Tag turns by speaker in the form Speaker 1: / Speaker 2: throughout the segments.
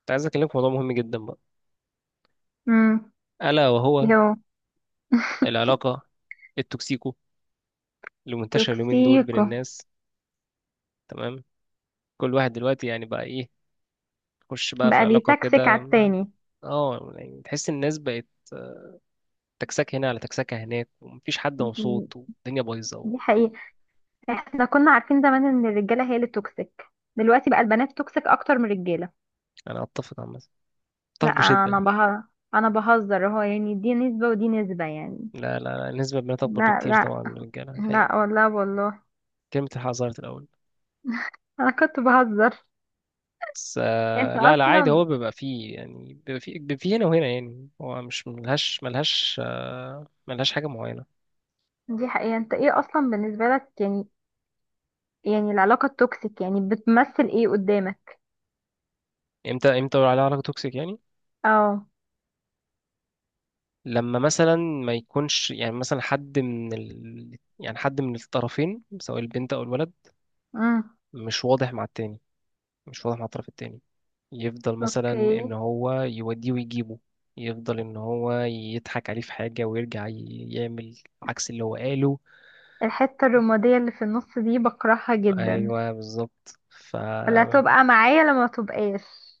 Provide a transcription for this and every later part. Speaker 1: كنت عايز اكلمك في موضوع مهم جدا بقى،
Speaker 2: امم
Speaker 1: الا وهو
Speaker 2: اللي هو
Speaker 1: العلاقه التوكسيكو اللي منتشره اليومين دول بين
Speaker 2: توكسيكو.
Speaker 1: الناس. تمام. كل واحد دلوقتي يعني بقى ايه؟ يخش بقى في
Speaker 2: بقى
Speaker 1: علاقه
Speaker 2: بيتكسك
Speaker 1: كده
Speaker 2: على التاني.
Speaker 1: اه، يعني تحس الناس بقت تكسكه هنا على تكسكه هناك ومفيش حد
Speaker 2: مم.
Speaker 1: مبسوط والدنيا بايظه
Speaker 2: دي حقيقة. احنا كنا عارفين زمان ان الرجالة هي اللي توكسيك، دلوقتي بقى البنات توكسيك اكتر من الرجالة.
Speaker 1: انا اتفق عامه، اتفق
Speaker 2: لا
Speaker 1: بشده.
Speaker 2: انا بهزر، انا بهزر اهو، يعني دي نسبة ودي نسبة يعني.
Speaker 1: لا لا لا، النسبه بنات اكبر
Speaker 2: لا،
Speaker 1: بكتير
Speaker 2: لا،
Speaker 1: طبعا من الرجاله الحقيقه.
Speaker 2: لا والله والله.
Speaker 1: كلمه الحق ظهرت الاول.
Speaker 2: انا كنت بهزر.
Speaker 1: بس
Speaker 2: انت
Speaker 1: لا لا عادي،
Speaker 2: اصلا،
Speaker 1: هو بيبقى فيه يعني بيبقى فيه هنا وهنا، يعني هو مش ملهاش حاجه معينه.
Speaker 2: دي حقيقة، انت ايه اصلا بالنسبة لك يعني؟ يعني العلاقة التوكسيك يعني بتمثل ايه قدامك؟
Speaker 1: امتى بقول عليها علاقة توكسيك يعني؟
Speaker 2: اه.
Speaker 1: لما مثلا ما يكونش يعني مثلا يعني حد من الطرفين سواء البنت او الولد
Speaker 2: امم
Speaker 1: مش واضح مع التاني، مش واضح مع الطرف التاني. يفضل مثلا
Speaker 2: اوكي.
Speaker 1: ان هو يوديه ويجيبه، يفضل ان هو يضحك عليه في حاجة ويرجع يعمل عكس اللي هو قاله.
Speaker 2: الحتة الرمادية اللي في النص دي بكرهها جدا،
Speaker 1: ايوه بالظبط، ف
Speaker 2: ولا تبقى معايا لما تبقاش،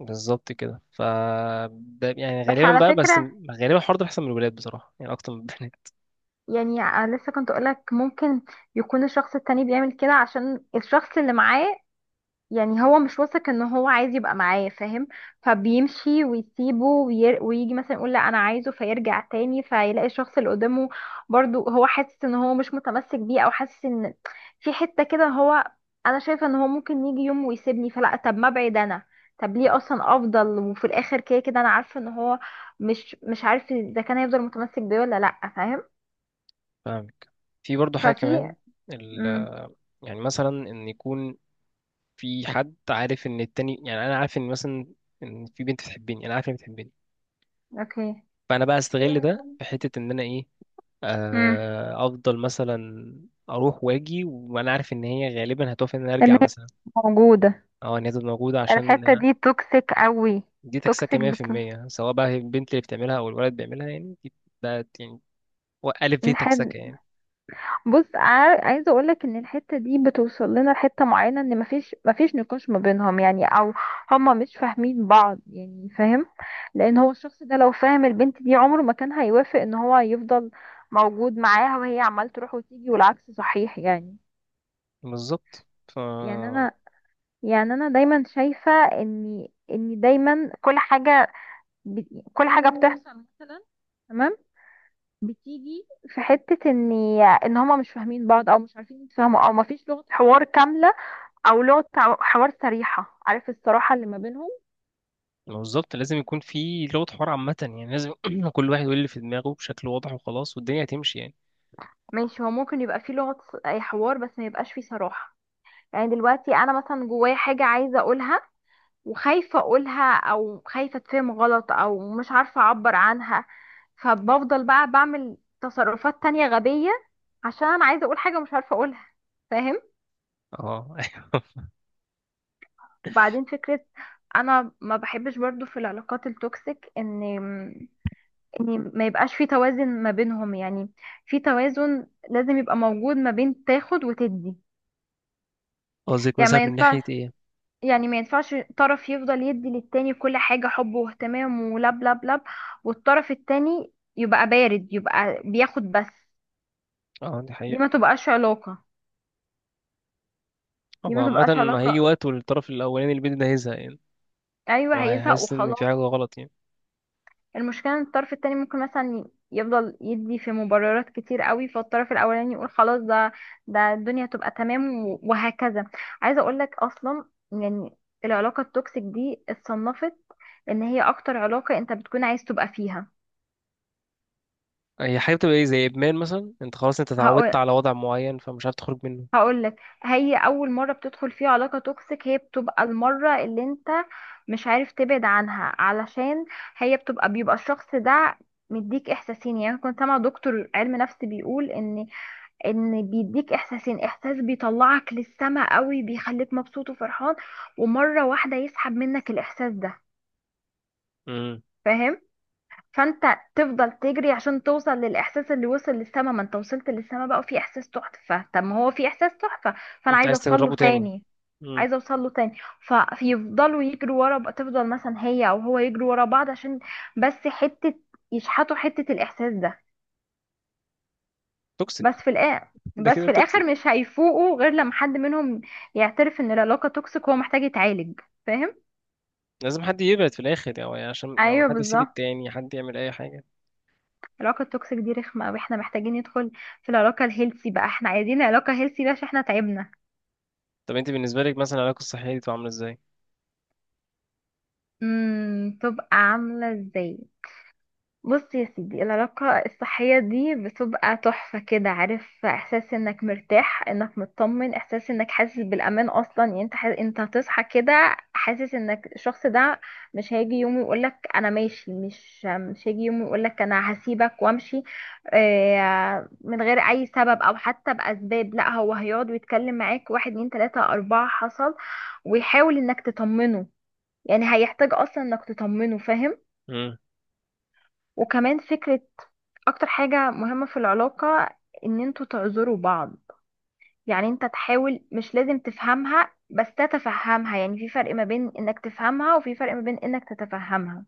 Speaker 1: بالظبط كده، ف ده يعني
Speaker 2: بس
Speaker 1: غالبا
Speaker 2: على
Speaker 1: بقى، بس
Speaker 2: فكرة.
Speaker 1: غالبا الحوار ده بيحصل من الولاد بصراحة يعني اكتر من البنات.
Speaker 2: يعني لسه كنت اقولك ممكن يكون الشخص التاني بيعمل كده عشان الشخص اللي معاه، يعني هو مش واثق ان هو عايز يبقى معايا فاهم، فبيمشي ويسيبه ويجي مثلا يقول لا انا عايزه، فيرجع تاني فيلاقي الشخص اللي قدامه برضو هو حاسس ان هو مش متمسك بيه او حاسس ان في حتة كده هو، انا شايفة ان هو ممكن يجي يوم ويسيبني، فلا طب ما ابعد انا، طب ليه اصلا افضل وفي الاخر كده كده انا عارفة ان هو مش عارف اذا كان هيفضل متمسك بيه ولا لا فاهم.
Speaker 1: فاهمك. في برضه حاجة
Speaker 2: ففي،
Speaker 1: كمان،
Speaker 2: امم
Speaker 1: يعني مثلا ان يكون في حد عارف ان التاني، يعني انا عارف ان مثلا ان في بنت بتحبني، انا عارف ان هي بتحبني.
Speaker 2: اوكي.
Speaker 1: فانا بقى استغل ده في حته ان انا ايه،
Speaker 2: امم
Speaker 1: افضل مثلا اروح واجي وانا عارف ان هي غالبا هتوافق ان انا
Speaker 2: ان
Speaker 1: ارجع
Speaker 2: هي
Speaker 1: مثلا،
Speaker 2: موجودة.
Speaker 1: او ان هي تبقى موجوده عشان.
Speaker 2: الحتة دي توكسيك قوي.
Speaker 1: دي تكسكه
Speaker 2: توكسيك بت...
Speaker 1: 100%، سواء بقى هي البنت اللي بتعملها او الولد بيعملها، يعني ده يعني هو الف ب
Speaker 2: الحد...
Speaker 1: تكسكه يعني.
Speaker 2: بص، عايزة اقولك ان الحتة دي بتوصل لنا لحتة معينة ان مفيش نقاش ما بينهم يعني، او هما مش فاهمين بعض يعني فاهم. لان هو الشخص ده لو فاهم البنت دي عمره ما كان هيوافق ان هو يفضل موجود معاها وهي عمال تروح وتيجي والعكس صحيح يعني.
Speaker 1: بالظبط
Speaker 2: يعني انا يعني انا دايما شايفة ان دايما كل حاجة ب... كل حاجة بتحصل مثلا، تمام، بتيجي في حتة ان هما مش فاهمين بعض او مش عارفين يتفاهموا او مفيش لغة حوار كاملة، او لغة حوار صريحة، عارف الصراحة اللي ما بينهم.
Speaker 1: ما بالظبط لازم يكون في لغة حوار عامة، يعني لازم كل واحد يقول اللي في دماغه بشكل واضح وخلاص والدنيا هتمشي يعني.
Speaker 2: ماشي، هو ممكن يبقى في لغة اي حوار بس ما يبقاش في صراحة. يعني دلوقتي انا مثلا جوايا حاجة عايزة اقولها، وخايفة اقولها او خايفة اتفهم غلط او مش عارفة اعبر عنها، فبفضل بقى بعمل تصرفات تانية غبية عشان انا عايزة اقول حاجة مش عارفة اقولها فاهم.
Speaker 1: اه ايوه.
Speaker 2: وبعدين فكرة، انا ما بحبش برضو في العلاقات التوكسيك ان ما يبقاش في توازن ما بينهم يعني. في توازن لازم يبقى موجود ما بين تاخد وتدي.
Speaker 1: قصدك
Speaker 2: يعني
Speaker 1: مثلا
Speaker 2: ما
Speaker 1: من
Speaker 2: ينفعش،
Speaker 1: ناحية ايه؟
Speaker 2: يعني ما ينفعش طرف يفضل يدي للتاني كل حاجة حب واهتمام ولب لب لب، والطرف التاني يبقى بارد يبقى بياخد بس.
Speaker 1: اه دي
Speaker 2: دي ما
Speaker 1: حقيقة.
Speaker 2: تبقاش علاقة، دي
Speaker 1: هو
Speaker 2: ما
Speaker 1: عامة،
Speaker 2: تبقاش
Speaker 1: ما هيجي
Speaker 2: علاقة.
Speaker 1: وقت والطرف الأولاني اللي بيدي ده هيزهق يعني،
Speaker 2: ايوه هيزهق
Speaker 1: وهيحس إن في
Speaker 2: وخلاص.
Speaker 1: حاجة غلط يعني.
Speaker 2: المشكلة ان الطرف التاني ممكن مثلا يفضل يدي في مبررات كتير قوي، فالطرف الاولاني يقول خلاص ده الدنيا تبقى تمام و- وهكذا. عايزة اقول لك اصلا، يعني العلاقة التوكسيك دي اتصنفت ان هي اكتر علاقة انت بتكون عايز تبقى فيها.
Speaker 1: هي حاجة بتبقى ايه، زي إدمان مثلا، انت خلاص انت اتعودت
Speaker 2: هقول
Speaker 1: على وضع معين فمش عارف تخرج منه.
Speaker 2: هقول لك، هي اول مرة بتدخل فيها علاقة توكسيك هي بتبقى المرة اللي انت مش عارف تبعد عنها، علشان هي بتبقى بيبقى الشخص ده مديك احساسين، يعني كنت سامع دكتور علم نفس بيقول ان بيديك احساسين، احساس بيطلعك للسما قوي بيخليك مبسوط وفرحان، ومرة واحدة يسحب منك الاحساس ده
Speaker 1: امم.
Speaker 2: فاهم. فانت تفضل تجري عشان توصل للاحساس اللي وصل للسما، ما انت وصلت للسما بقى وفي احساس تحفة، طب ما هو في احساس تحفة، فانا
Speaker 1: انت
Speaker 2: عايزة
Speaker 1: عايز
Speaker 2: اوصل له
Speaker 1: تجربه تاني.
Speaker 2: تاني،
Speaker 1: امم.
Speaker 2: عايزه اوصل له تاني. فيفضلوا يجروا ورا بقى- تفضل مثلا هي او هو يجروا ورا بعض عشان بس حته يشحطوا حته الاحساس ده. بس
Speaker 1: توكسيك.
Speaker 2: في الآخر،
Speaker 1: ده
Speaker 2: بس
Speaker 1: كده
Speaker 2: في الآخر
Speaker 1: توكسيك.
Speaker 2: مش هيفوقوا غير لما حد منهم يعترف ان العلاقة توكسيك وهو محتاج يتعالج فاهم.
Speaker 1: لازم حد يبعد في الآخر، عشان
Speaker 2: ايوه
Speaker 1: حد يسيب
Speaker 2: بالظبط.
Speaker 1: التاني، حد يعمل أي حاجة.
Speaker 2: العلاقة التوكسيك دي رخمة قوي، احنا محتاجين ندخل في العلاقة الهيلثي بقى، احنا عايزين علاقة هيلثي بقى عشان احنا تعبنا.
Speaker 1: طب انت بالنسبة لك مثلا العلاقة الصحية دي بتبقى عاملة ازاي؟
Speaker 2: تبقى عاملة ازاي؟ بص يا سيدي، العلاقة الصحية دي بتبقى تحفة كده، عارف احساس انك مرتاح انك مطمن، احساس انك حاسس بالامان اصلا، يعني انت حاسس انت هتصحى كده، حاسس انك الشخص ده مش هيجي يوم يقولك انا ماشي، مش هيجي يوم يقولك انا هسيبك وامشي من غير اي سبب او حتى باسباب، لا هو هيقعد ويتكلم معاك واحد اتنين تلاتة اربعة حصل، ويحاول انك تطمنه، يعني هيحتاج اصلا انك تطمنه فاهم. وكمان فكرة، اكتر حاجة مهمة في العلاقة ان انتوا تعذروا بعض. يعني انت تحاول، مش لازم تفهمها بس تتفهمها، يعني في فرق ما بين انك تفهمها وفي فرق ما بين انك تتفهمها.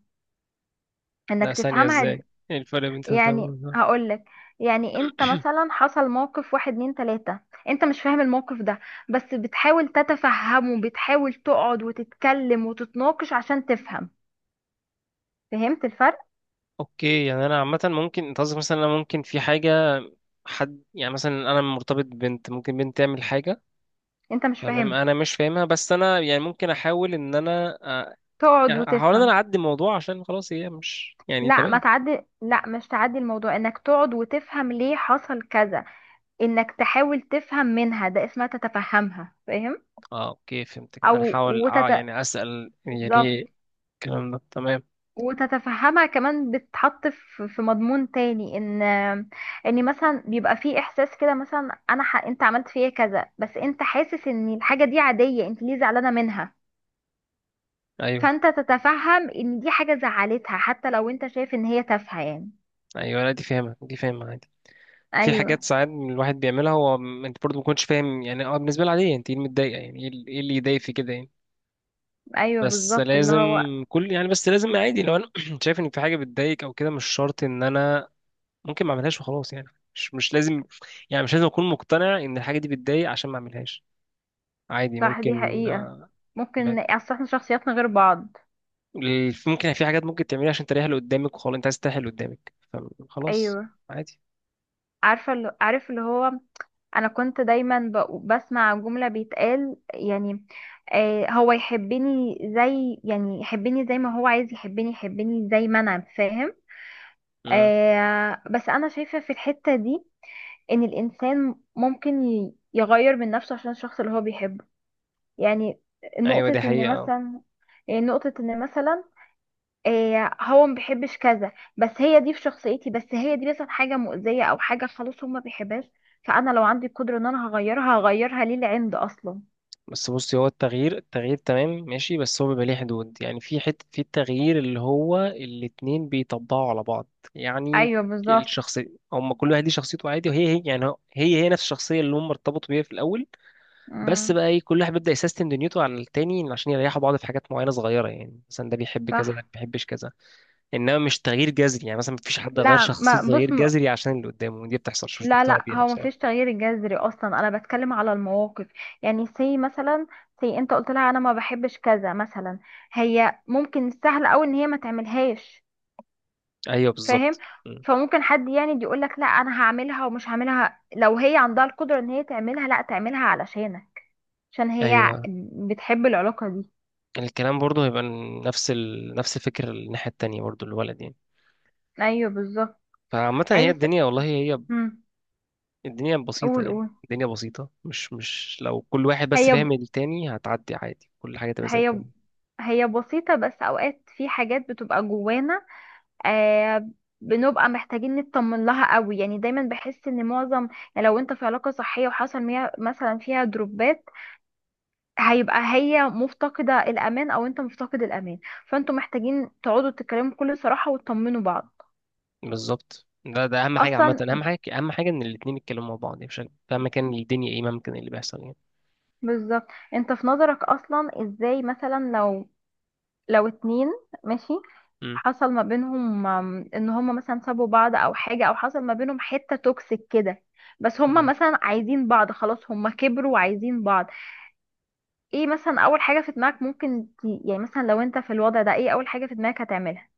Speaker 1: لا
Speaker 2: انك
Speaker 1: ثانية
Speaker 2: تفهمها
Speaker 1: ازاي؟ ايه الفرق بين تالتة
Speaker 2: يعني
Speaker 1: ورابعة؟
Speaker 2: هقولك، يعني انت مثلا حصل موقف واحد اتنين تلاتة، انت مش فاهم الموقف ده بس بتحاول تتفهمه، بتحاول تقعد وتتكلم وتتناقش عشان تفهم، فهمت الفرق؟
Speaker 1: اوكي، يعني انا عامة ممكن، انت قصدك مثلا انا ممكن في حاجة، حد يعني مثلا انا مرتبط ببنت، ممكن بنت تعمل حاجة.
Speaker 2: انت مش
Speaker 1: تمام،
Speaker 2: فاهمها،
Speaker 1: انا مش فاهمها بس انا يعني ممكن احاول ان انا
Speaker 2: تقعد
Speaker 1: يعني احاول ان
Speaker 2: وتفهم.
Speaker 1: انا اعدي الموضوع عشان خلاص هي مش يعني
Speaker 2: لا ما
Speaker 1: تمام.
Speaker 2: تعدي، لا مش تعدي الموضوع، انك تقعد وتفهم ليه حصل كذا، انك تحاول تفهم منها، ده اسمها تتفهمها فاهم.
Speaker 1: اه اوكي فهمتك، ان انا
Speaker 2: او
Speaker 1: احاول
Speaker 2: وتت...
Speaker 1: يعني اسأل هي
Speaker 2: بالظبط.
Speaker 1: ليه. الكلام ده تمام.
Speaker 2: وتتفهمها كمان، بتتحط في مضمون تاني، ان مثلا بيبقى في احساس كده، مثلا انا انت عملت فيا كذا، بس انت حاسس ان الحاجة دي عادية، انت ليه زعلانة منها؟
Speaker 1: ايوه
Speaker 2: فانت تتفهم ان دي حاجة زعلتها حتى لو انت شايف ان هي تافهة يعني.
Speaker 1: ايوه، لا دي فاهمة دي فاهمة عادي. في حاجات
Speaker 2: ايوه،
Speaker 1: ساعات الواحد بيعملها هو انت برضه ما كنتش فاهم، يعني بالنسبه لي عاديه، انت ايه اللي متضايقه، يعني ايه إيه اللي يضايق في كده يعني.
Speaker 2: ايوه
Speaker 1: بس
Speaker 2: بالظبط اللي
Speaker 1: لازم
Speaker 2: هو.
Speaker 1: بس لازم عادي لو انا شايف ان في حاجه بتضايق او كده، مش شرط ان انا ممكن ما اعملهاش وخلاص يعني. مش مش لازم مش لازم اكون مقتنع ان الحاجه دي بتضايق عشان ما اعملهاش. عادي،
Speaker 2: صح دي
Speaker 1: ممكن
Speaker 2: حقيقة،
Speaker 1: ما-
Speaker 2: ممكن اصل احنا شخصياتنا غير بعض.
Speaker 1: ممكن في حاجات ممكن تعملها عشان تريح اللي قدامك، وخلاص انت عايز تريح اللي قدامك فخلاص
Speaker 2: ايوه.
Speaker 1: عادي.
Speaker 2: عارفة اللي عارف اللي هو، انا كنت دايما بسمع جملة بيتقال، يعني هو يحبني زي، يعني يحبني زي ما هو عايز يحبني، يحبني زي ما انا فاهم.
Speaker 1: امم.
Speaker 2: بس انا شايفة في الحتة دي ان الانسان ممكن يغير من نفسه عشان الشخص اللي هو بيحبه. يعني
Speaker 1: ايوه
Speaker 2: نقطة
Speaker 1: دي
Speaker 2: ان
Speaker 1: حقيقه.
Speaker 2: مثلا، يعني نقطة ان مثلا إيه، هو ما بيحبش كذا، بس هي دي في شخصيتي، بس هي دي مثلا حاجه مؤذيه او حاجه خلاص هو ما بيحبهاش، فانا لو عندي القدره ان انا هغيرها، هغيرها ليه لعند اصلا.
Speaker 1: بس بصي، هو التغيير، التغيير تمام ماشي، بس هو بيبقى ليه حدود يعني في حتة في التغيير اللي هو الاتنين بيطبقوا على بعض يعني.
Speaker 2: ايوه بالظبط.
Speaker 1: الشخصية، هم كل واحد ليه شخصيته عادي وهي هي، يعني هي هي نفس الشخصية اللي هم ارتبطوا بيها في الأول. بس
Speaker 2: امم
Speaker 1: بقى ايه كل واحد بيبدأ يسيستم دنيته على التاني عشان يريحوا بعض في حاجات معينة صغيرة، يعني مثلا ده بيحب كذا ده
Speaker 2: صح.
Speaker 1: ما بيحبش كذا. إنما مش تغيير جذري، يعني مثلا مفيش حد غير
Speaker 2: لا ما
Speaker 1: شخصيته تغيير
Speaker 2: بص ما،
Speaker 1: جذري عشان اللي قدامه، ودي بتحصل مش
Speaker 2: لا
Speaker 1: مقتنع
Speaker 2: لا
Speaker 1: بيها
Speaker 2: هو ما فيش
Speaker 1: بصراحة.
Speaker 2: تغيير جذري اصلا، انا بتكلم على المواقف. يعني سي مثلا، سي انت قلت لها انا ما بحبش كذا مثلا، هي ممكن السهل قوي ان هي ما تعملهاش
Speaker 1: أيوه
Speaker 2: فاهم.
Speaker 1: بالظبط م.
Speaker 2: فممكن حد يعني يقول لك لا انا هعملها ومش هعملها، لو هي عندها القدرة ان هي تعملها لا تعملها علشانك، عشان هي
Speaker 1: أيوه
Speaker 2: بتحب العلاقة دي.
Speaker 1: الكلام برضه هيبقى نفس الفكر الناحية التانية برضه الولد يعني.
Speaker 2: ايوه بالظبط.
Speaker 1: فعامة هي
Speaker 2: عايزة
Speaker 1: الدنيا والله، هي
Speaker 2: مم.
Speaker 1: الدنيا بسيطة
Speaker 2: قول
Speaker 1: يعني،
Speaker 2: قول.
Speaker 1: الدنيا بسيطة، مش لو كل واحد بس
Speaker 2: هي
Speaker 1: فاهم التاني هتعدي عادي كل حاجة تبقى زي الفل.
Speaker 2: هي هي بسيطة، بس اوقات في حاجات بتبقى جوانا آه بنبقى محتاجين نطمن لها قوي، يعني دايما بحس ان معظم، يعني لو انت في علاقة صحية وحصل مثلا فيها دروبات، هيبقى هي مفتقدة الأمان أو أنت مفتقد الأمان، فأنتوا محتاجين تقعدوا تتكلموا بكل صراحة وتطمنوا بعض.
Speaker 1: بالظبط، ده أهم حاجة عامة،
Speaker 2: أصلا،
Speaker 1: أهم حاجة أهم حاجة إن الاتنين يتكلموا مع بعض يعني بشكل، فاهما كان الدنيا إيه ممكن اللي بيحصل يعني.
Speaker 2: بالظبط. أنت في نظرك أصلا إزاي، مثلا لو، لو اتنين، ماشي،
Speaker 1: مم.
Speaker 2: حصل ما بينهم إن هما مثلا سابوا بعض أو حاجة، أو حصل ما بينهم حتة توكسيك كده، بس هما
Speaker 1: تمام،
Speaker 2: مثلا عايزين بعض، خلاص هما كبروا وعايزين بعض. ايه مثلا أول حاجة في دماغك ممكن يعني مثلا لو أنت في الوضع ده، ايه أول حاجة في دماغك هتعملها؟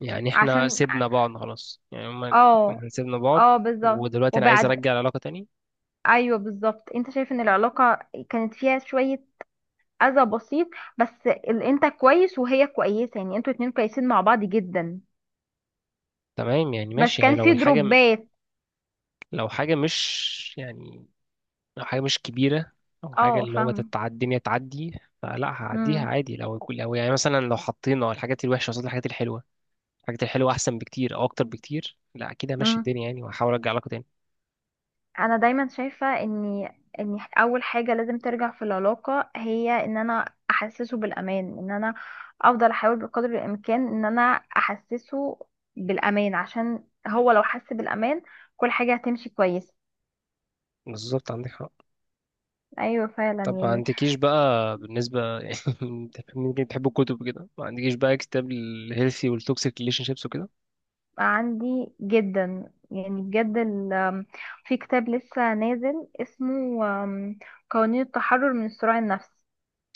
Speaker 1: يعني إحنا
Speaker 2: عشان.
Speaker 1: سيبنا بعض خلاص، يعني
Speaker 2: اه.
Speaker 1: إحنا سيبنا بعض
Speaker 2: اه بالظبط،
Speaker 1: ودلوقتي أنا عايز
Speaker 2: وبعد.
Speaker 1: أرجع العلاقة تاني.
Speaker 2: ايوه بالظبط، انت شايف ان العلاقه كانت فيها شويه اذى بسيط، بس انت كويس وهي كويسه، يعني انتوا اتنين كويسين مع بعض جدا،
Speaker 1: تمام يعني
Speaker 2: بس
Speaker 1: ماشي، هي
Speaker 2: كان
Speaker 1: لو
Speaker 2: في
Speaker 1: الحاجة
Speaker 2: دروبات.
Speaker 1: لو حاجة مش يعني لو حاجة مش كبيرة، أو حاجة
Speaker 2: اه
Speaker 1: اللي هو
Speaker 2: فاهم.
Speaker 1: الدنيا تعدي فلا هعديها عادي، لو يكون لو يعني مثلا لو حطينا الحاجات الوحشة قصاد الحاجات الحلوة، الحاجات الحلوة أحسن بكتير أو أكتر بكتير، لا أكيد همشي
Speaker 2: امم
Speaker 1: الدنيا يعني وهحاول أرجع علاقة تاني.
Speaker 2: انا دايما شايفة ان اول حاجة لازم ترجع في العلاقة هي ان انا احسسه بالامان، ان انا افضل احاول بقدر الامكان ان انا احسسه بالامان، عشان هو لو حس بالامان كل حاجة هتمشي كويس.
Speaker 1: بالظبط عندك حق.
Speaker 2: ايوه فعلا
Speaker 1: طب ما
Speaker 2: يعني.
Speaker 1: عندكيش بقى بالنسبة يعني، ممكن تحب الكتب كده، ما عندكيش بقى كتاب الهيلثي والتوكسيك ريليشن شيبس وكده؟
Speaker 2: عندي جدا، يعني بجد في كتاب لسه نازل اسمه قوانين التحرر من الصراع النفسي.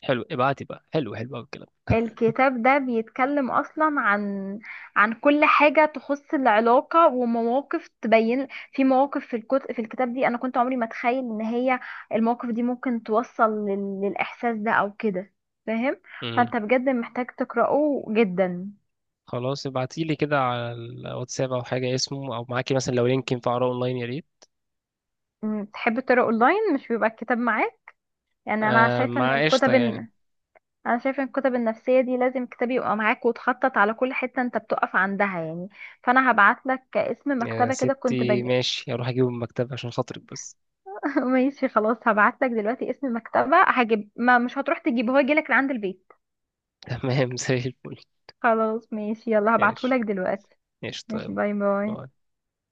Speaker 1: حلو ابعتي بقى، حلو حلو أوي الكلام.
Speaker 2: الكتاب ده بيتكلم اصلا عن كل حاجه تخص العلاقه ومواقف، تبين في مواقف في الكتب في الكتاب دي، انا كنت عمري ما اتخيل ان هي المواقف دي ممكن توصل للاحساس ده او كده فاهم.
Speaker 1: امم.
Speaker 2: فانت بجد محتاج تقراه جدا.
Speaker 1: خلاص ابعتيلي كده على الواتساب أو حاجة اسمه، أو معاكي مثلا لو لينك ينفع أقراه أونلاين يا ريت.
Speaker 2: تحب تقرا اونلاين؟ مش بيبقى الكتاب معاك؟ يعني انا
Speaker 1: آه
Speaker 2: شايفه ان
Speaker 1: مع قشطة
Speaker 2: الكتب
Speaker 1: يعني.
Speaker 2: انا شايفه ان الكتب النفسيه دي لازم كتاب يبقى معاك وتخطط على كل حته انت بتقف عندها يعني. فانا هبعت لك اسم
Speaker 1: يا
Speaker 2: مكتبه كده، كنت
Speaker 1: ستي ماشي، هروح اجيبه من المكتبة عشان خاطرك بس.
Speaker 2: ماشي خلاص، هبعتلك دلوقتي اسم المكتبة، هجيب، ما مش هتروح تجيبه، هو يجيلك لعند البيت.
Speaker 1: تمام زي الفل.
Speaker 2: خلاص ماشي، يلا
Speaker 1: ماشي،
Speaker 2: هبعتهولك دلوقتي.
Speaker 1: ماشي
Speaker 2: ماشي،
Speaker 1: طيب.
Speaker 2: باي باي.
Speaker 1: باي.